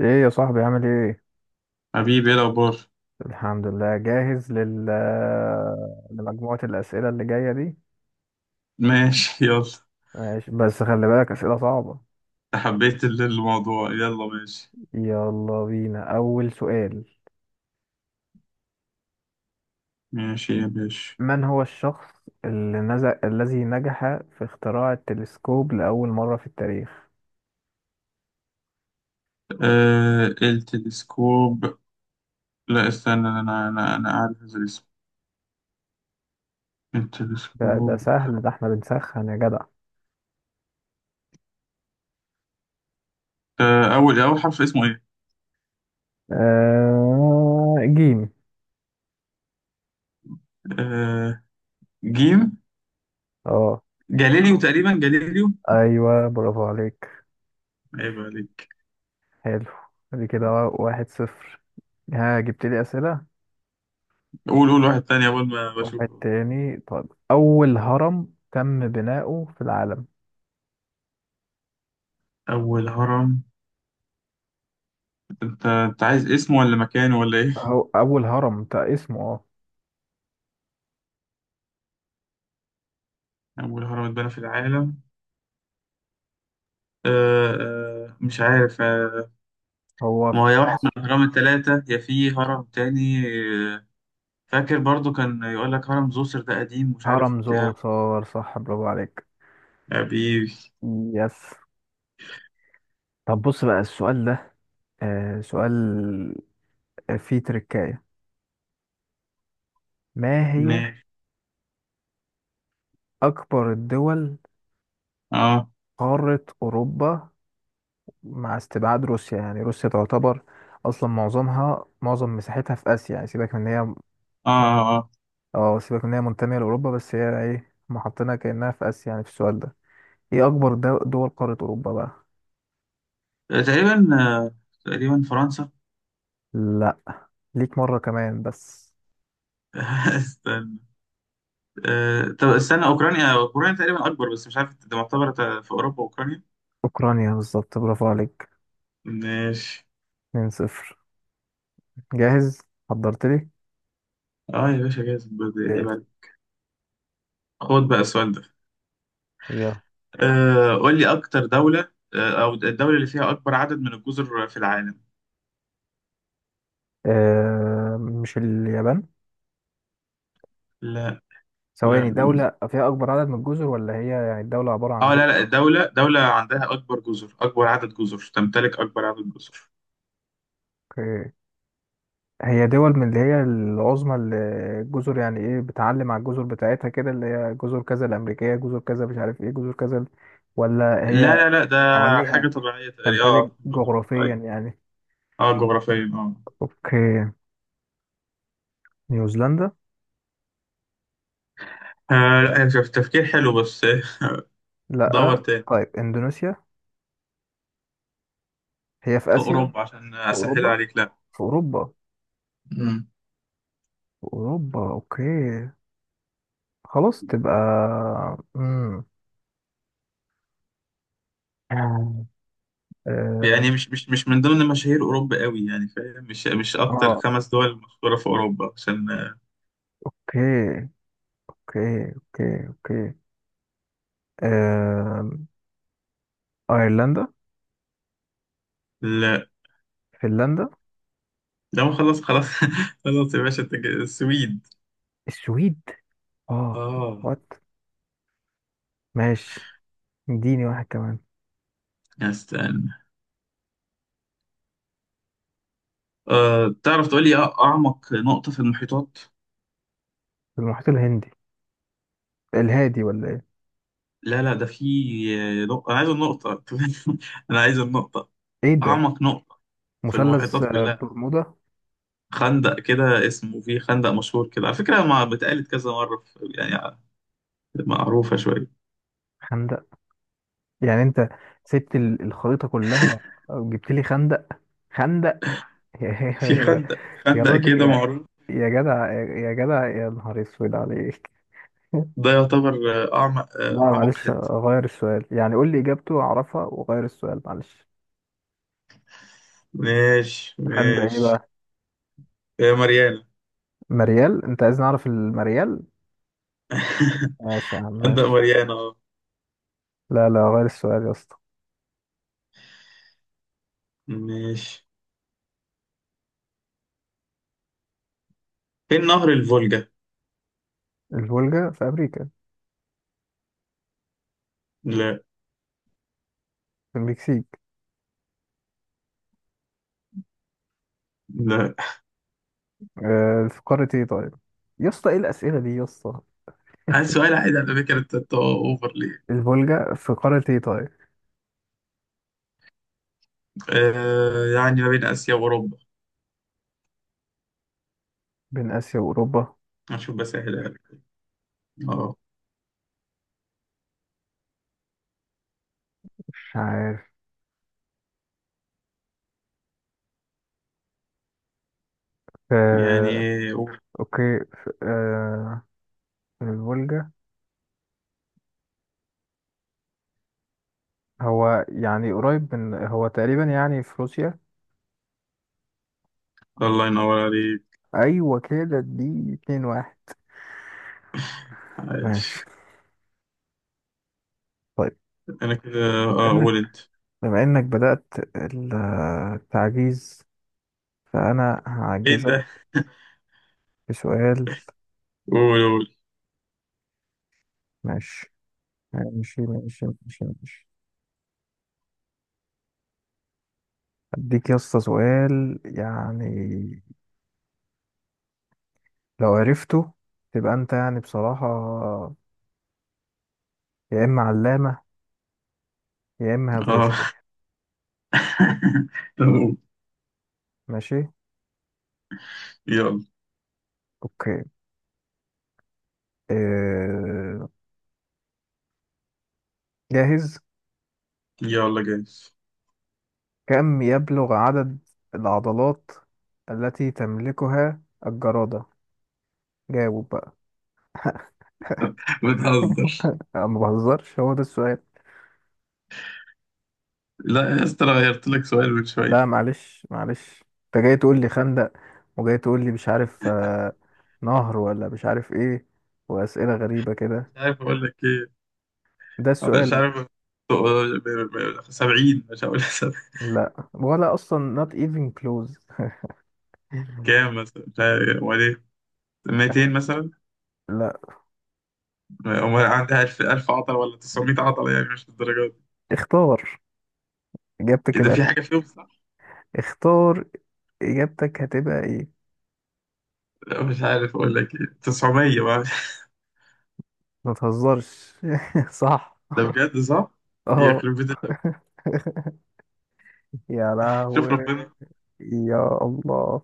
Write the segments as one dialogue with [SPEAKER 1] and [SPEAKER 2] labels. [SPEAKER 1] ايه يا صاحبي عامل ايه؟
[SPEAKER 2] حبيبي ايه الأخبار؟
[SPEAKER 1] الحمد لله جاهز لمجموعة الأسئلة اللي جاية دي.
[SPEAKER 2] ماشي يلا
[SPEAKER 1] ماشي بس خلي بالك أسئلة صعبة.
[SPEAKER 2] حبيت الموضوع يلا ماشي.
[SPEAKER 1] يلا بينا أول سؤال.
[SPEAKER 2] ماشي يا باشا.
[SPEAKER 1] من هو الشخص اللي الذي نجح في اختراع التلسكوب لأول مرة في التاريخ؟
[SPEAKER 2] آه التلسكوب، لا استنى أنا أعرف الاسم
[SPEAKER 1] ده
[SPEAKER 2] التلسكوب.
[SPEAKER 1] سهل، ده احنا بنسخن يا جدع.
[SPEAKER 2] أول حرف اسمه إيه؟
[SPEAKER 1] جيم.
[SPEAKER 2] آه جيم،
[SPEAKER 1] اه،
[SPEAKER 2] جاليليو تقريبا، جاليليو.
[SPEAKER 1] ايوه برافو عليك.
[SPEAKER 2] عيب عليك.
[SPEAKER 1] حلو، دي كده 1-0. ها، جبت لي أسئلة.
[SPEAKER 2] قول واحد تاني أول ما
[SPEAKER 1] واحد
[SPEAKER 2] بشوفه.
[SPEAKER 1] تاني، طيب. أول هرم تم بناؤه في العالم؟
[SPEAKER 2] أول هرم، أنت عايز اسمه ولا مكانه ولا إيه؟
[SPEAKER 1] هو أول هرم ده اسمه اه،
[SPEAKER 2] أول هرم اتبنى في العالم. آه مش عارف،
[SPEAKER 1] هو
[SPEAKER 2] ما هو يا
[SPEAKER 1] في
[SPEAKER 2] واحد
[SPEAKER 1] مصر.
[SPEAKER 2] من الأهرام التلاتة، يا في هرم تاني. آه، فاكر برضو كان يقول لك هرم زوسر، ده قديم، مش
[SPEAKER 1] هرم
[SPEAKER 2] عارف بتاع.
[SPEAKER 1] زوسر، صح برافو عليك.
[SPEAKER 2] حبيبي،
[SPEAKER 1] يس. طب بص بقى السؤال ده، آه سؤال، فيه تركاية. ما هي
[SPEAKER 2] ماشي.
[SPEAKER 1] أكبر الدول
[SPEAKER 2] اه،
[SPEAKER 1] قارة أوروبا مع استبعاد روسيا؟ يعني روسيا تعتبر أصلا معظم مساحتها في آسيا، يعني سيبك من إن هي
[SPEAKER 2] اه، اه.
[SPEAKER 1] اه، سيبك ان هي منتمية لأوروبا بس هي ايه، هما حاطينها كأنها في آسيا يعني في السؤال ده. ايه أكبر دول قارة أوروبا بقى؟
[SPEAKER 2] تقريبا، تقريبا فرنسا.
[SPEAKER 1] لا. ليك مرة كمان بس.
[SPEAKER 2] استنى، طب استنى، أوكرانيا تقريبا أكبر، بس مش عارف ده معتبر في أوروبا، أوكرانيا.
[SPEAKER 1] أوكرانيا بالظبط، برافو عليك.
[SPEAKER 2] ماشي.
[SPEAKER 1] 2-0. جاهز، حضرت لي.
[SPEAKER 2] اه يا باشا، جاهز برضه،
[SPEAKER 1] يلا.
[SPEAKER 2] عيب عليك. خد بقى السؤال ده.
[SPEAKER 1] يلا.
[SPEAKER 2] قول لي أكتر دولة، أو الدولة اللي فيها أكبر عدد من الجزر في العالم.
[SPEAKER 1] آه مش اليابان؟
[SPEAKER 2] لا.
[SPEAKER 1] ثواني،
[SPEAKER 2] لا.
[SPEAKER 1] دولة فيها أكبر عدد من الجزر ولا هي يعني الدولة عبارة عن
[SPEAKER 2] اه لا
[SPEAKER 1] جزر؟
[SPEAKER 2] لا، دولة عندها أكبر جزر، أكبر عدد جزر، تمتلك أكبر عدد جزر.
[SPEAKER 1] اوكي. هي دول من اللي هي العظمى اللي الجزر، يعني ايه بتعلم على الجزر بتاعتها كده، اللي هي جزر كذا الأمريكية، جزر كذا مش عارف ايه، جزر كذا، ولا
[SPEAKER 2] لا
[SPEAKER 1] هي
[SPEAKER 2] لا لا، ده
[SPEAKER 1] حواليها؟
[SPEAKER 2] حاجة طبيعية تقريبا،
[SPEAKER 1] تمتلك
[SPEAKER 2] اه جزر
[SPEAKER 1] جغرافيا
[SPEAKER 2] طبيعية.
[SPEAKER 1] يعني.
[SPEAKER 2] اه جغرافيا اه.
[SPEAKER 1] اوكي، نيوزيلندا.
[SPEAKER 2] لا هي شوف، تفكير حلو بس. دور
[SPEAKER 1] لا.
[SPEAKER 2] تاني.
[SPEAKER 1] طيب اندونيسيا، هي في
[SPEAKER 2] في
[SPEAKER 1] آسيا.
[SPEAKER 2] أوروبا عشان
[SPEAKER 1] في
[SPEAKER 2] أسهل
[SPEAKER 1] أوروبا،
[SPEAKER 2] عليك. لا.
[SPEAKER 1] في أوروبا،
[SPEAKER 2] مم.
[SPEAKER 1] في أوروبا اوكي. خلاص تبقى امم اه، آه،
[SPEAKER 2] يعني مش من ضمن مشاهير أوروبا قوي يعني، فاهم؟ مش أكتر
[SPEAKER 1] اوكي
[SPEAKER 2] خمس دول مشهورة في أوروبا عشان
[SPEAKER 1] اوكي اوكي اوكي. آه... ايرلندا.
[SPEAKER 2] لا
[SPEAKER 1] فنلندا.
[SPEAKER 2] ده خلاص. خلاص يا باشا أنت كده- السويد.
[SPEAKER 1] السويد، اه.
[SPEAKER 2] اه.
[SPEAKER 1] وات، ماشي. اديني واحد كمان.
[SPEAKER 2] استنى، أه تعرف تقول لي أعمق نقطة في المحيطات؟
[SPEAKER 1] المحيط الهندي، الهادي ولا ايه؟
[SPEAKER 2] لا لا ده في نقطة، أنا عايز النقطة. أنا عايز النقطة،
[SPEAKER 1] ايه ده؟
[SPEAKER 2] أعمق نقطة في
[SPEAKER 1] مثلث
[SPEAKER 2] المحيطات كلها.
[SPEAKER 1] برمودا.
[SPEAKER 2] خندق كده اسمه، في خندق مشهور كده على فكرة، ما بتقالت كذا مرة يعني معروفة شوية.
[SPEAKER 1] خندق؟ يعني انت سبت الخريطة كلها وجبت لي خندق؟ خندق. يا
[SPEAKER 2] في
[SPEAKER 1] يا-
[SPEAKER 2] خندق
[SPEAKER 1] يا
[SPEAKER 2] خندق
[SPEAKER 1] راجل
[SPEAKER 2] كده
[SPEAKER 1] يا،
[SPEAKER 2] معروف.
[SPEAKER 1] يا جدع يا جدع يا نهار اسود عليك.
[SPEAKER 2] ده يعتبر أعمق،
[SPEAKER 1] لا
[SPEAKER 2] أعمق
[SPEAKER 1] معلش،
[SPEAKER 2] حتة.
[SPEAKER 1] غير السؤال يعني، قول لي اجابته اعرفها وغير السؤال، معلش.
[SPEAKER 2] ماشي
[SPEAKER 1] خندق ايه
[SPEAKER 2] ماشي.
[SPEAKER 1] بقى؟
[SPEAKER 2] يا مريانة.
[SPEAKER 1] مريال؟ انت عايز نعرف المريال؟ ماشي يا عم،
[SPEAKER 2] خندق
[SPEAKER 1] ماشي.
[SPEAKER 2] مريانة أه.
[SPEAKER 1] لا لا، غير السؤال يا اسطى.
[SPEAKER 2] ماشي. فين نهر الفولجا؟
[SPEAKER 1] الفولجا في امريكا؟
[SPEAKER 2] لا.
[SPEAKER 1] في المكسيك؟
[SPEAKER 2] لا.
[SPEAKER 1] آه، في قارة ايه طيب؟ يا اسطى ايه الاسئلة دي يا اسطى.
[SPEAKER 2] عايز سؤال عادي على فكرة، أنت اوفر ليه؟
[SPEAKER 1] الفولجا في قارة ايه طيب؟
[SPEAKER 2] آه يعني ما بين اسيا واوروبا.
[SPEAKER 1] بين اسيا واوروبا؟
[SPEAKER 2] هنشوف بس اهلها لك. اه
[SPEAKER 1] مش عارف.
[SPEAKER 2] يعني.
[SPEAKER 1] آه.
[SPEAKER 2] أوه.
[SPEAKER 1] اوكي. في آه، الفولجا هو يعني قريب من، هو تقريبا يعني في روسيا.
[SPEAKER 2] الله ينور عليك.
[SPEAKER 1] ايوه كده، دي 2-1. ماشي،
[SPEAKER 2] عايش.
[SPEAKER 1] طيب.
[SPEAKER 2] انا كده.
[SPEAKER 1] بما
[SPEAKER 2] اه قول
[SPEAKER 1] انك،
[SPEAKER 2] انت.
[SPEAKER 1] بما انك بدأت ال- التعجيز، فانا
[SPEAKER 2] ايه
[SPEAKER 1] هعجزك
[SPEAKER 2] ده.
[SPEAKER 1] بسؤال.
[SPEAKER 2] قول قول.
[SPEAKER 1] ماشي ماشي اديك يا اسطى سؤال يعني، لو عرفته تبقى انت يعني بصراحة، يا اما علامة يا اما هتغشه.
[SPEAKER 2] اه. طب قول.
[SPEAKER 1] ماشي،
[SPEAKER 2] يلا.
[SPEAKER 1] اوكي. اه... جاهز.
[SPEAKER 2] يلا جايز.
[SPEAKER 1] كم يبلغ عدد العضلات التي تملكها الجرادة؟ جاوب بقى.
[SPEAKER 2] بتهزر؟
[SPEAKER 1] أنا ما بهزرش، هو ده السؤال.
[SPEAKER 2] لا يا اسطى، انا غيرت لك سؤال من
[SPEAKER 1] لا
[SPEAKER 2] شوية.
[SPEAKER 1] معلش معلش، انت جاي تقول لي خندق، وجاي تقول لي مش عارف نهر، ولا مش عارف ايه، واسئلة غريبة كده.
[SPEAKER 2] مش عارف اقول لك ايه،
[SPEAKER 1] ده
[SPEAKER 2] مش
[SPEAKER 1] السؤال.
[SPEAKER 2] عارف. سبعين، مش هقول سبعين.
[SPEAKER 1] لا ولا اصلا not even close.
[SPEAKER 2] كام مثلا، مش عارف، وبعدين 200 مثلا،
[SPEAKER 1] لا.
[SPEAKER 2] وما عندها ألف عضلة، ولا 900 عضلة، يعني مش للدرجة دي.
[SPEAKER 1] اختار اجابتك
[SPEAKER 2] إيه ده، في
[SPEAKER 1] الاخيره.
[SPEAKER 2] حاجة فيهم صح؟
[SPEAKER 1] اختار اجابتك هتبقى ايه؟
[SPEAKER 2] لا، مش عارف أقول لك إيه، 900 بقى.
[SPEAKER 1] ما تهزرش. صح.
[SPEAKER 2] ده بجد صح؟
[SPEAKER 1] اه.
[SPEAKER 2] يخرب بيت الأب.
[SPEAKER 1] يا
[SPEAKER 2] شوف
[SPEAKER 1] لهوي.
[SPEAKER 2] ربنا،
[SPEAKER 1] يا الله.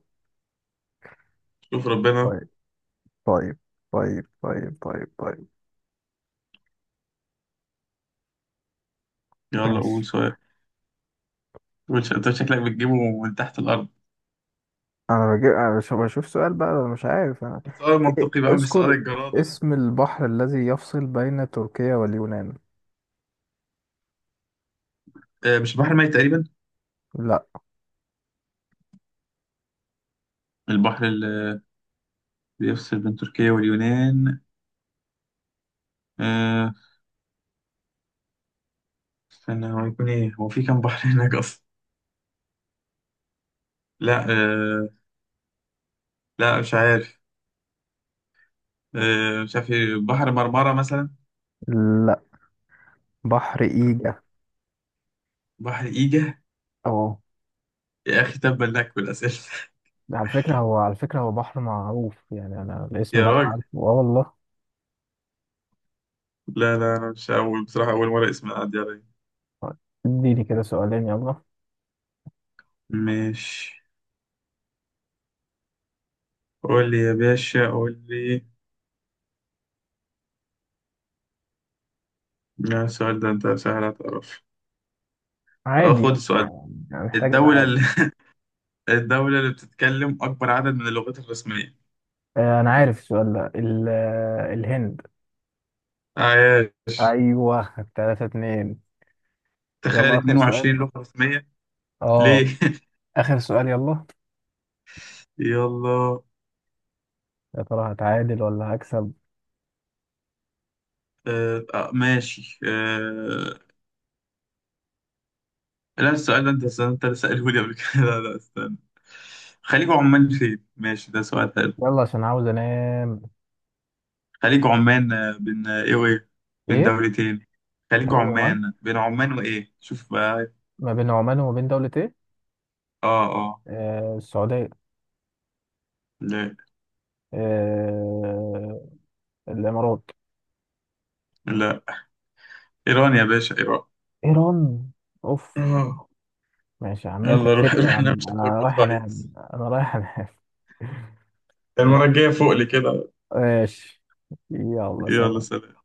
[SPEAKER 2] شوف ربنا.
[SPEAKER 1] طيب طيب طيب طيب طيب.
[SPEAKER 2] يلا قول
[SPEAKER 1] ماشي.
[SPEAKER 2] سؤال، قول. أنت شكلك بتجيبه من تحت الأرض.
[SPEAKER 1] انا بجيب، انا مش بشوف سؤال بقى، أنا مش عارف انا.
[SPEAKER 2] سؤال منطقي بقى، مش سؤال
[SPEAKER 1] اذكر
[SPEAKER 2] الجرادة ده.
[SPEAKER 1] اسم البحر الذي يفصل بين تركيا واليونان.
[SPEAKER 2] مش البحر الميت تقريبا؟
[SPEAKER 1] لا.
[SPEAKER 2] البحر اللي بيفصل بين تركيا واليونان، آه، استنى، هو هيكون إيه؟ هو في كام بحر هناك أصلا؟ لا آه، لا مش عارف، مش عارف إيه، بحر مرمرة مثلا.
[SPEAKER 1] لا. بحر ايجا.
[SPEAKER 2] بحر إيجا.
[SPEAKER 1] اه.
[SPEAKER 2] يا أخي تبا لك بالأسئلة.
[SPEAKER 1] ده على فكرة هو، على فكرة هو بحر معروف يعني، أنا الاسم
[SPEAKER 2] يا
[SPEAKER 1] ده أنا
[SPEAKER 2] راجل،
[SPEAKER 1] عارفه آه والله.
[SPEAKER 2] لا لا، أنا مش أول بصراحة، أول مرة اسم يعدي عليا.
[SPEAKER 1] طيب، اديني كده سؤالين يلا.
[SPEAKER 2] ماشي، قول لي يا باشا، قول لي. لا السؤال ده أنت سهل هتعرف.
[SPEAKER 1] عادي
[SPEAKER 2] خد
[SPEAKER 1] يا
[SPEAKER 2] السؤال ده.
[SPEAKER 1] اسطى، يعني محتاج
[SPEAKER 2] الدولة
[SPEAKER 1] أتعادل.
[SPEAKER 2] اللي الدولة اللي بتتكلم أكبر عدد من اللغات الرسمية.
[SPEAKER 1] أنا عارف السؤال ده الهند.
[SPEAKER 2] عايش.
[SPEAKER 1] أيوه 3-2.
[SPEAKER 2] تخيل
[SPEAKER 1] يلا آخر سؤال.
[SPEAKER 2] 22 لغة رسمية.
[SPEAKER 1] أه.
[SPEAKER 2] ليه؟
[SPEAKER 1] آخر سؤال يلا.
[SPEAKER 2] يلا.
[SPEAKER 1] يا ترى هتعادل ولا هكسب؟
[SPEAKER 2] ماشي آه. لا السؤال ده أنت اللي سأله لي قبل كده. لا لا استنى، خليج عمان فين؟ ماشي ده سؤال حلو.
[SPEAKER 1] يلا عشان عاوز أنام.
[SPEAKER 2] خليج عمان بين ايه وايه، بين
[SPEAKER 1] إيه؟
[SPEAKER 2] دولتين. خليج
[SPEAKER 1] خليج عمان
[SPEAKER 2] عمان بين عمان وايه، شوف بقى.
[SPEAKER 1] ما بين عمان وما بين دولة إيه؟
[SPEAKER 2] اه اه.
[SPEAKER 1] آه السعودية.
[SPEAKER 2] لا.
[SPEAKER 1] آه الإمارات.
[SPEAKER 2] لا. ايران يا باشا، ايران.
[SPEAKER 1] إيران. أوف.
[SPEAKER 2] اه.
[SPEAKER 1] ماشي يا عم انت
[SPEAKER 2] يلا روح،
[SPEAKER 1] كسبت يا
[SPEAKER 2] روح
[SPEAKER 1] عم،
[SPEAKER 2] نمسك
[SPEAKER 1] انا
[SPEAKER 2] لك
[SPEAKER 1] رايح
[SPEAKER 2] بطاقة.
[SPEAKER 1] انام، انا رايح انام. يلا.
[SPEAKER 2] المرة الجاية فوق لي كده.
[SPEAKER 1] ماشي. يلا
[SPEAKER 2] يلا
[SPEAKER 1] سلام.
[SPEAKER 2] سلام.